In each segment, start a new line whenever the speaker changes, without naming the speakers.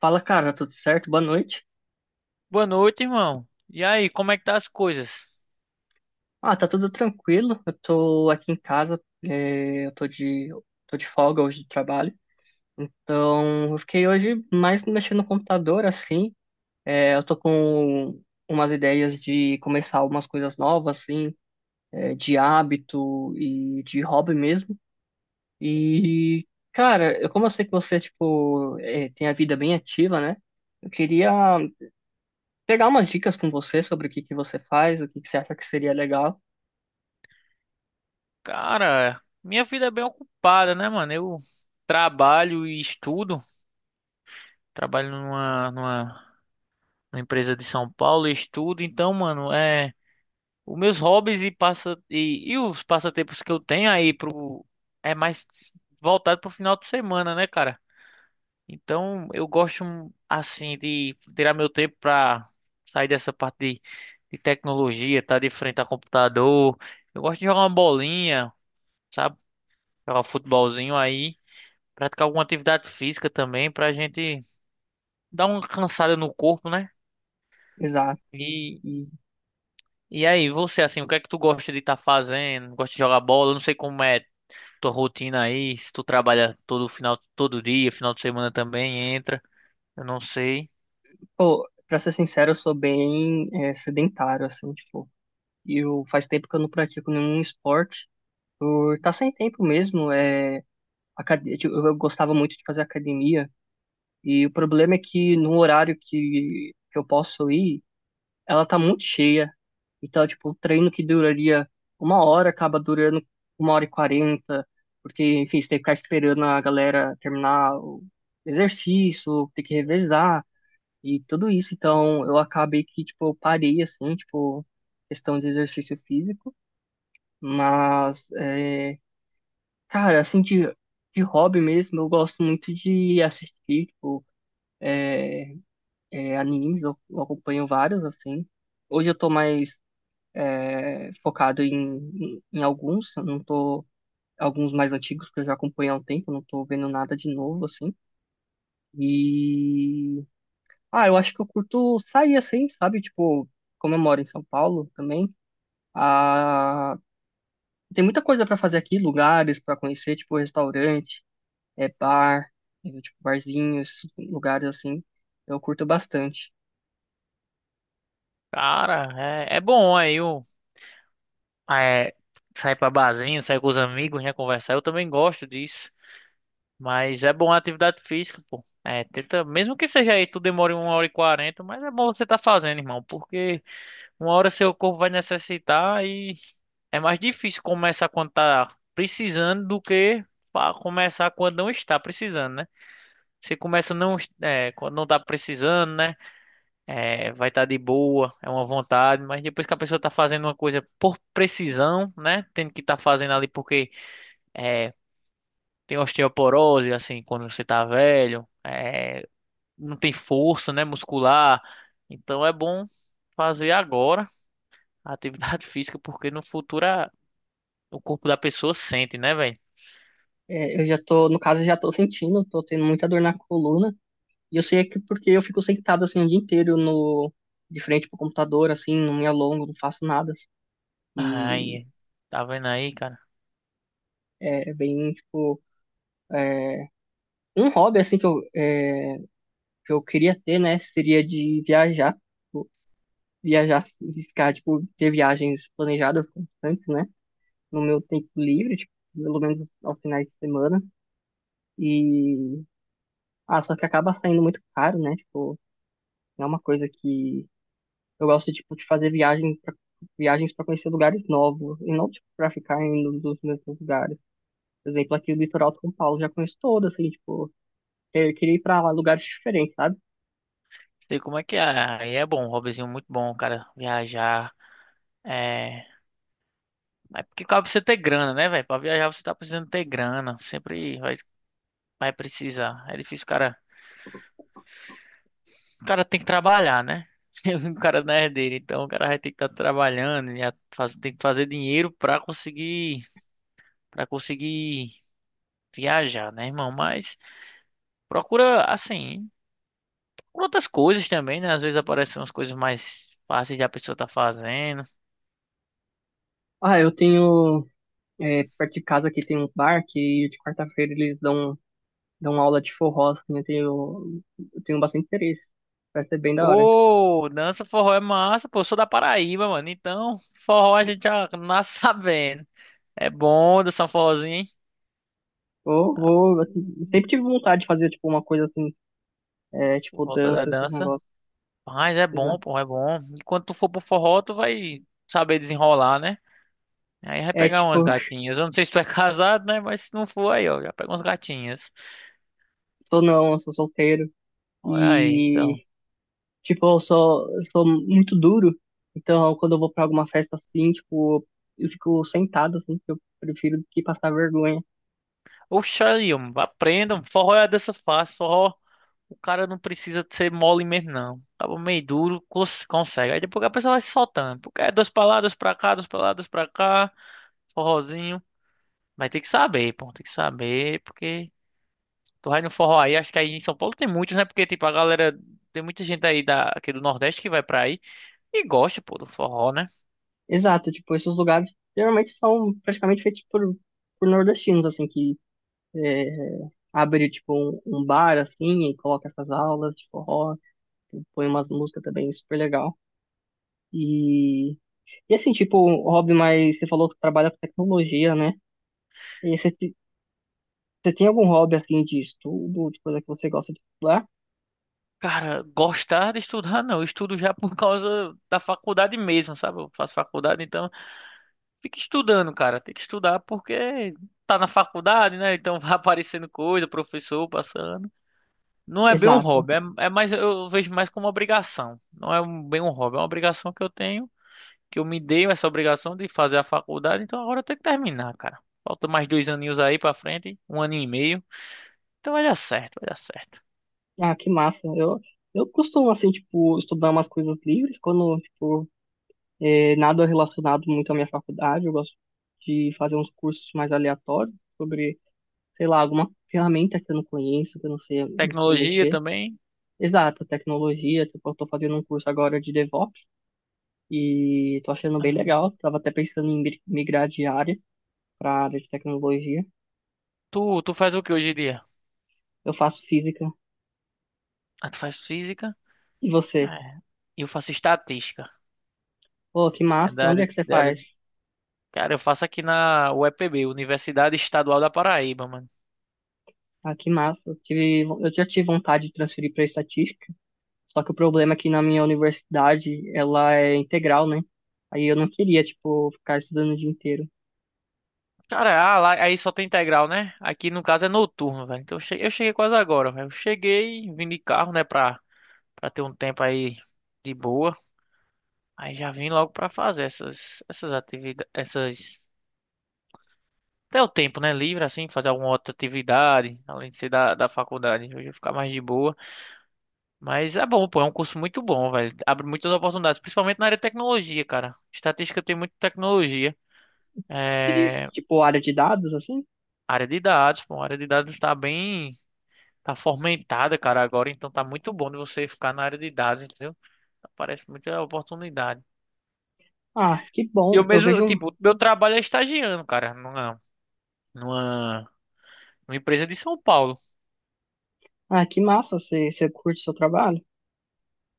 Fala, cara, tudo certo? Boa noite.
Boa noite, irmão. E aí, como é que tá as coisas?
Ah, tá tudo tranquilo. Eu tô aqui em casa, tô de folga hoje do trabalho. Então, eu fiquei hoje mais mexendo no computador, assim. Eu tô com umas ideias de começar algumas coisas novas, assim, de hábito e de hobby mesmo. E, cara, como eu sei que você, tipo, tem a vida bem ativa, né? Eu queria pegar umas dicas com você sobre o que que você faz, o que que você acha que seria legal.
Cara, minha vida é bem ocupada, né, mano? Eu trabalho e estudo. Trabalho numa empresa de São Paulo e estudo. Então, mano, é os meus hobbies e passa e os passatempos que eu tenho aí pro é mais voltado pro final de semana, né, cara? Então, eu gosto assim de tirar meu tempo para sair dessa parte de tecnologia, tá de frente a computador. Eu gosto de jogar uma bolinha, sabe? Jogar um futebolzinho aí, praticar alguma atividade física também pra gente dar uma cansada no corpo, né?
Exato.
E
E,
e aí, você assim, o que é que tu gosta de estar fazendo? Gosta de jogar bola? Eu não sei como é tua rotina aí, se tu trabalha todo final, todo dia, final de semana também entra. Eu não sei.
pô, pra ser sincero, eu sou bem sedentário, assim, tipo, eu faz tempo que eu não pratico nenhum esporte, por tá sem tempo mesmo, tipo, eu gostava muito de fazer academia, e o problema é que no horário que eu posso ir, ela tá muito cheia, então, tipo, o treino que duraria 1 hora acaba durando 1 hora e 40, porque, enfim, você tem que ficar esperando a galera terminar o exercício, tem que revezar, e tudo isso. Então, eu acabei que, tipo, eu parei, assim, tipo, questão de exercício físico. Mas, é, cara, assim, de hobby mesmo, eu gosto muito de assistir, tipo, animes. Eu acompanho vários, assim. Hoje eu tô mais focado em, em alguns. Eu Não tô... Alguns mais antigos que eu já acompanho há um tempo. Eu Não tô vendo nada de novo, assim. E... Ah, eu acho que eu curto sair, assim, sabe? Tipo, como eu moro em São Paulo também. Ah, tem muita coisa para fazer aqui, lugares para conhecer, tipo restaurante, é bar, é, tipo barzinhos, lugares assim. Eu curto bastante.
Cara, é bom aí. Ah, é, sair pra barzinho, sair com os amigos, né? Conversar. Eu também gosto disso. Mas é bom a atividade física, pô. É, tenta, mesmo que seja aí, tu demore 1 hora e 40, mas é bom você tá fazendo, irmão, porque uma hora seu corpo vai necessitar e é mais difícil começar quando tá precisando do que começar quando não está precisando, né? Você começa não, é, quando não tá precisando, né? É, vai estar de boa, é uma vontade, mas depois que a pessoa tá fazendo uma coisa por precisão, né? Tendo que estar fazendo ali porque é, tem osteoporose, assim, quando você tá velho, é, não tem força, né, muscular. Então é bom fazer agora a atividade física, porque no futuro o corpo da pessoa sente, né, velho?
É, eu já tô, no caso, eu já tô sentindo, tô tendo muita dor na coluna. E eu sei que porque eu fico sentado assim o dia inteiro no de frente pro computador, assim, não me alongo, não faço nada. E
Ai, tá vendo aí, cara?
é bem tipo é, um hobby assim que que eu queria ter, né? Seria de viajar. Viajar, e ficar, tipo, ter viagens planejadas constantes, né? No meu tempo livre, tipo, pelo menos aos finais de semana. E, ah, só que acaba saindo muito caro, né? Tipo, não é uma coisa que eu gosto, tipo, de viagens para conhecer lugares novos e não, tipo, pra ficar indo nos mesmos lugares. Por exemplo, aqui no litoral de São Paulo, já conheço todo, assim, tipo, eu queria ir pra lugares diferentes, sabe?
Sei como é que é. Aí é bom, um hobbyzinho muito bom, cara. Viajar. É, mas porque pra você ter grana, né, velho? Pra viajar você tá precisando ter grana. Vai precisar. É difícil, o cara. O cara tem que trabalhar, né? O cara não é herdeiro, então o cara vai ter que estar trabalhando e tem que fazer dinheiro pra conseguir para conseguir viajar, né, irmão? Mas procura assim, procura outras coisas também, né? Às vezes aparecem umas coisas mais fáceis de a pessoa tá fazendo.
Ah, perto de casa aqui tem um bar que de quarta-feira eles dão dar uma aula de forró, assim, eu tenho bastante interesse. Vai ser bem da hora.
Pô, dança forró é massa, pô, eu sou da Paraíba, mano. Então, forró a gente já nasce sabendo. É bom dançar um forrozinho, hein?
Vou, assim, sempre tive vontade de fazer, tipo, uma coisa assim,
Por
tipo,
volta da
dança, esses
dança.
negócios,
Mas é
sei
bom,
lá.
pô, é bom. E quando tu for pro forró, tu vai saber desenrolar, né? Aí vai
É,
pegar
tipo,
umas gatinhas. Eu não sei se tu é casado, né? Mas se não for, aí, ó, já pega umas gatinhas.
sou não, eu sou solteiro
Olha aí, então.
e, tipo, eu sou muito duro. Então, quando eu vou pra alguma festa assim, tipo, eu fico sentado, assim, porque eu prefiro do que passar vergonha.
Oxa, aí, ó, aprendam. Forró é a dança fácil. Forró, o cara não precisa ser mole mesmo, não. Acaba meio duro, consegue. Aí depois a pessoa vai se soltando. Porque é 2 pra lá, 2 pra cá, 2 pra lá, 2 pra cá. Forrozinho. Vai ter que saber, pô. Tem que saber, porque. Tu vai no forró aí, acho que aí em São Paulo tem muitos, né? Porque, tipo, a galera. Tem muita gente aí da, aqui do Nordeste que vai pra aí e gosta, pô, do forró, né?
Exato, tipo, esses lugares geralmente são praticamente feitos por nordestinos, assim, que é, abre um bar assim e coloca essas aulas de forró, põe umas músicas também super legal. E, e assim, tipo, um hobby mais, você falou que trabalha com tecnologia, né? E você tem algum hobby assim de estudo, de coisa que você gosta de estudar?
Cara, gostar de estudar, não. Eu estudo já por causa da faculdade mesmo, sabe? Eu faço faculdade, então fica estudando, cara. Tem que estudar porque tá na faculdade, né? Então vai aparecendo coisa, professor passando. Não é bem um
Exato.
hobby, é mais, eu vejo mais como uma obrigação. Não é bem um hobby, é uma obrigação que eu tenho. Que eu me dei essa obrigação de fazer a faculdade, então agora eu tenho que terminar, cara. Falta mais 2 aninhos aí pra frente, um aninho e meio. Então vai dar certo, vai dar certo.
Ah, que massa. Eu costumo assim, tipo, estudar umas coisas livres quando, tipo, nada relacionado muito à minha faculdade. Eu gosto de fazer uns cursos mais aleatórios sobre, sei lá, alguma ferramenta que eu não conheço, que eu não sei, não sei
Tecnologia
mexer.
também.
Exato, tecnologia. Tipo, eu tô fazendo um curso agora de DevOps e tô achando bem
Ah,
legal. Tava até pensando em migrar de área para área de tecnologia.
tu faz o que hoje em dia?
Eu faço física.
Ah, tu faz física?
E você?
É. Eu faço estatística.
Pô, que
É
massa. Onde é que você
da área...
faz?
Cara, eu faço aqui na UEPB, Universidade Estadual da Paraíba, mano.
Ah, que massa. Eu já tive vontade de transferir para estatística, só que o problema é que na minha universidade ela é integral, né? Aí eu não queria, tipo, ficar estudando o dia inteiro.
Cara, ah, lá, aí só tem integral, né? Aqui no caso é noturno, velho. Então eu cheguei quase agora, velho. Eu cheguei, vim de carro, né, pra, pra ter um tempo aí de boa. Aí já vim logo pra fazer essas atividades, essas... Até o tempo, né? Livre, assim, fazer alguma outra atividade, além de ser da faculdade. Hoje eu ia ficar mais de boa. Mas é bom, pô, é um curso muito bom, velho. Abre muitas oportunidades, principalmente na área de tecnologia, cara. Estatística tem muita tecnologia.
Você diz,
É...
tipo, área de dados, assim?
Área de dados, pô, a área de dados tá bem... Tá fomentada, cara, agora. Então tá muito bom de você ficar na área de dados, entendeu? Aparece muita oportunidade.
Ah, que
Eu
bom. Eu
mesmo,
vejo.
tipo, meu trabalho é estagiando, cara. Não é... Numa Uma empresa de São Paulo.
Ah, que massa. Você curte o seu trabalho?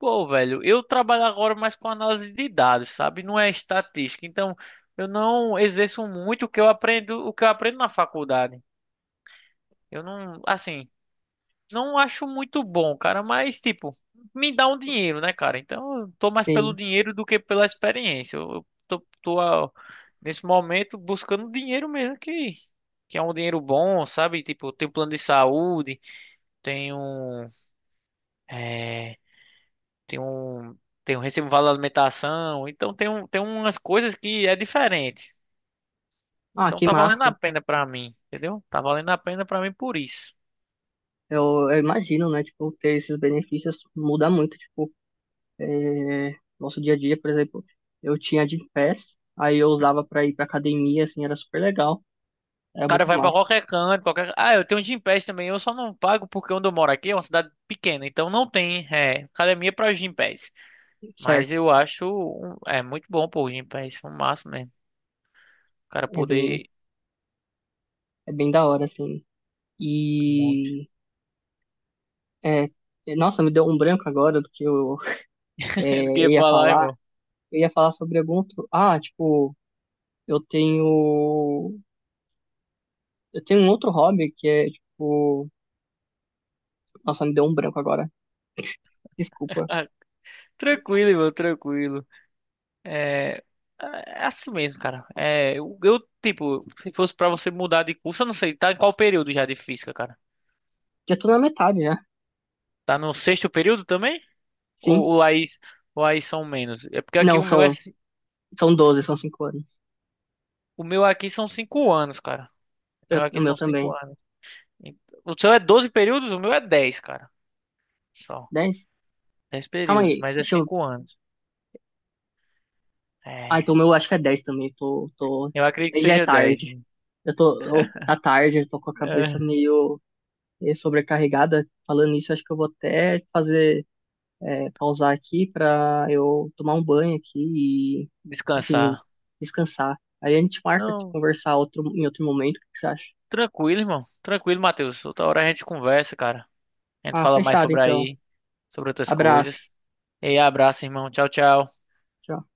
Pô, velho, eu trabalho agora mais com análise de dados, sabe? Não é estatística. Então, eu não exerço muito o que eu aprendo, o que eu aprendo na faculdade. Eu não, assim, não acho muito bom, cara, mas tipo, me dá um dinheiro, né, cara? Então, eu tô mais pelo
Sim.
dinheiro do que pela experiência. Tô nesse momento buscando dinheiro mesmo que é um dinheiro bom, sabe? Tipo, eu tenho plano de saúde, tenho eh, tem um, tem um recibo de vale alimentação, então tem umas coisas que é diferente.
Ah,
Então
que
tá valendo a
massa.
pena pra mim, entendeu? Tá valendo a pena pra mim por isso.
Eu imagino, né? Tipo, ter esses benefícios muda muito, tipo, nosso dia a dia, por exemplo, eu tinha Gympass, aí eu usava pra ir pra academia, assim, era super legal, era
O cara
muito
vai pra
massa,
qualquer canto, qualquer... Ah, eu tenho Gympass também, eu só não pago porque onde eu moro aqui é uma cidade pequena, então não tem é, academia pra Gympass. Mas
certo?
eu acho é muito bom pô, o Gympass, um máximo mesmo. O cara
É bem,
poder...
é bem da hora, assim.
Um monte.
E, é, nossa, me deu um branco agora do que
Do que ia
ia
falar,
falar.
irmão?
Eu ia falar sobre algum outro. Ah, tipo, eu tenho, eu tenho um outro hobby que é, tipo, nossa, me deu um branco agora. Desculpa.
Ah, tranquilo, irmão, tranquilo. É, é é assim mesmo, cara. É, eu, tipo, se fosse pra você mudar de curso, eu não sei, tá em qual período já de física, cara?
Já tô na metade, já.
Tá no sexto período também?
Sim.
Ou, ou aí, ou aí são menos? É porque aqui
Não,
o meu é,
são, são 12, são 5 anos.
o meu aqui são 5 anos, cara. O meu
O
aqui
meu
são cinco
também.
anos. E- O seu é 12 períodos, o meu é 10, cara. Só.
10?
dez
Calma
períodos,
aí,
mas é
deixa eu.
5 anos.
Ah,
É,
então o meu acho que é 10 também. Tô...
eu acredito que
Já é
seja 10.
tarde. Eu tô. Tá tarde, eu tô com a
É,
cabeça meio sobrecarregada. Falando isso, acho que eu vou até fazer. Pausar aqui pra eu tomar um banho aqui e. Enfim, eu
descansar.
descansar. Aí a gente marca de
Não,
conversar outro, em outro momento. O que que você acha?
tranquilo, irmão. Tranquilo, Matheus. Outra hora a gente conversa, cara. A gente
Ah,
fala mais
fechado
sobre
então.
aí, sobre outras
Abraço.
coisas. E aí, abraço, irmão. Tchau, tchau.
Tchau.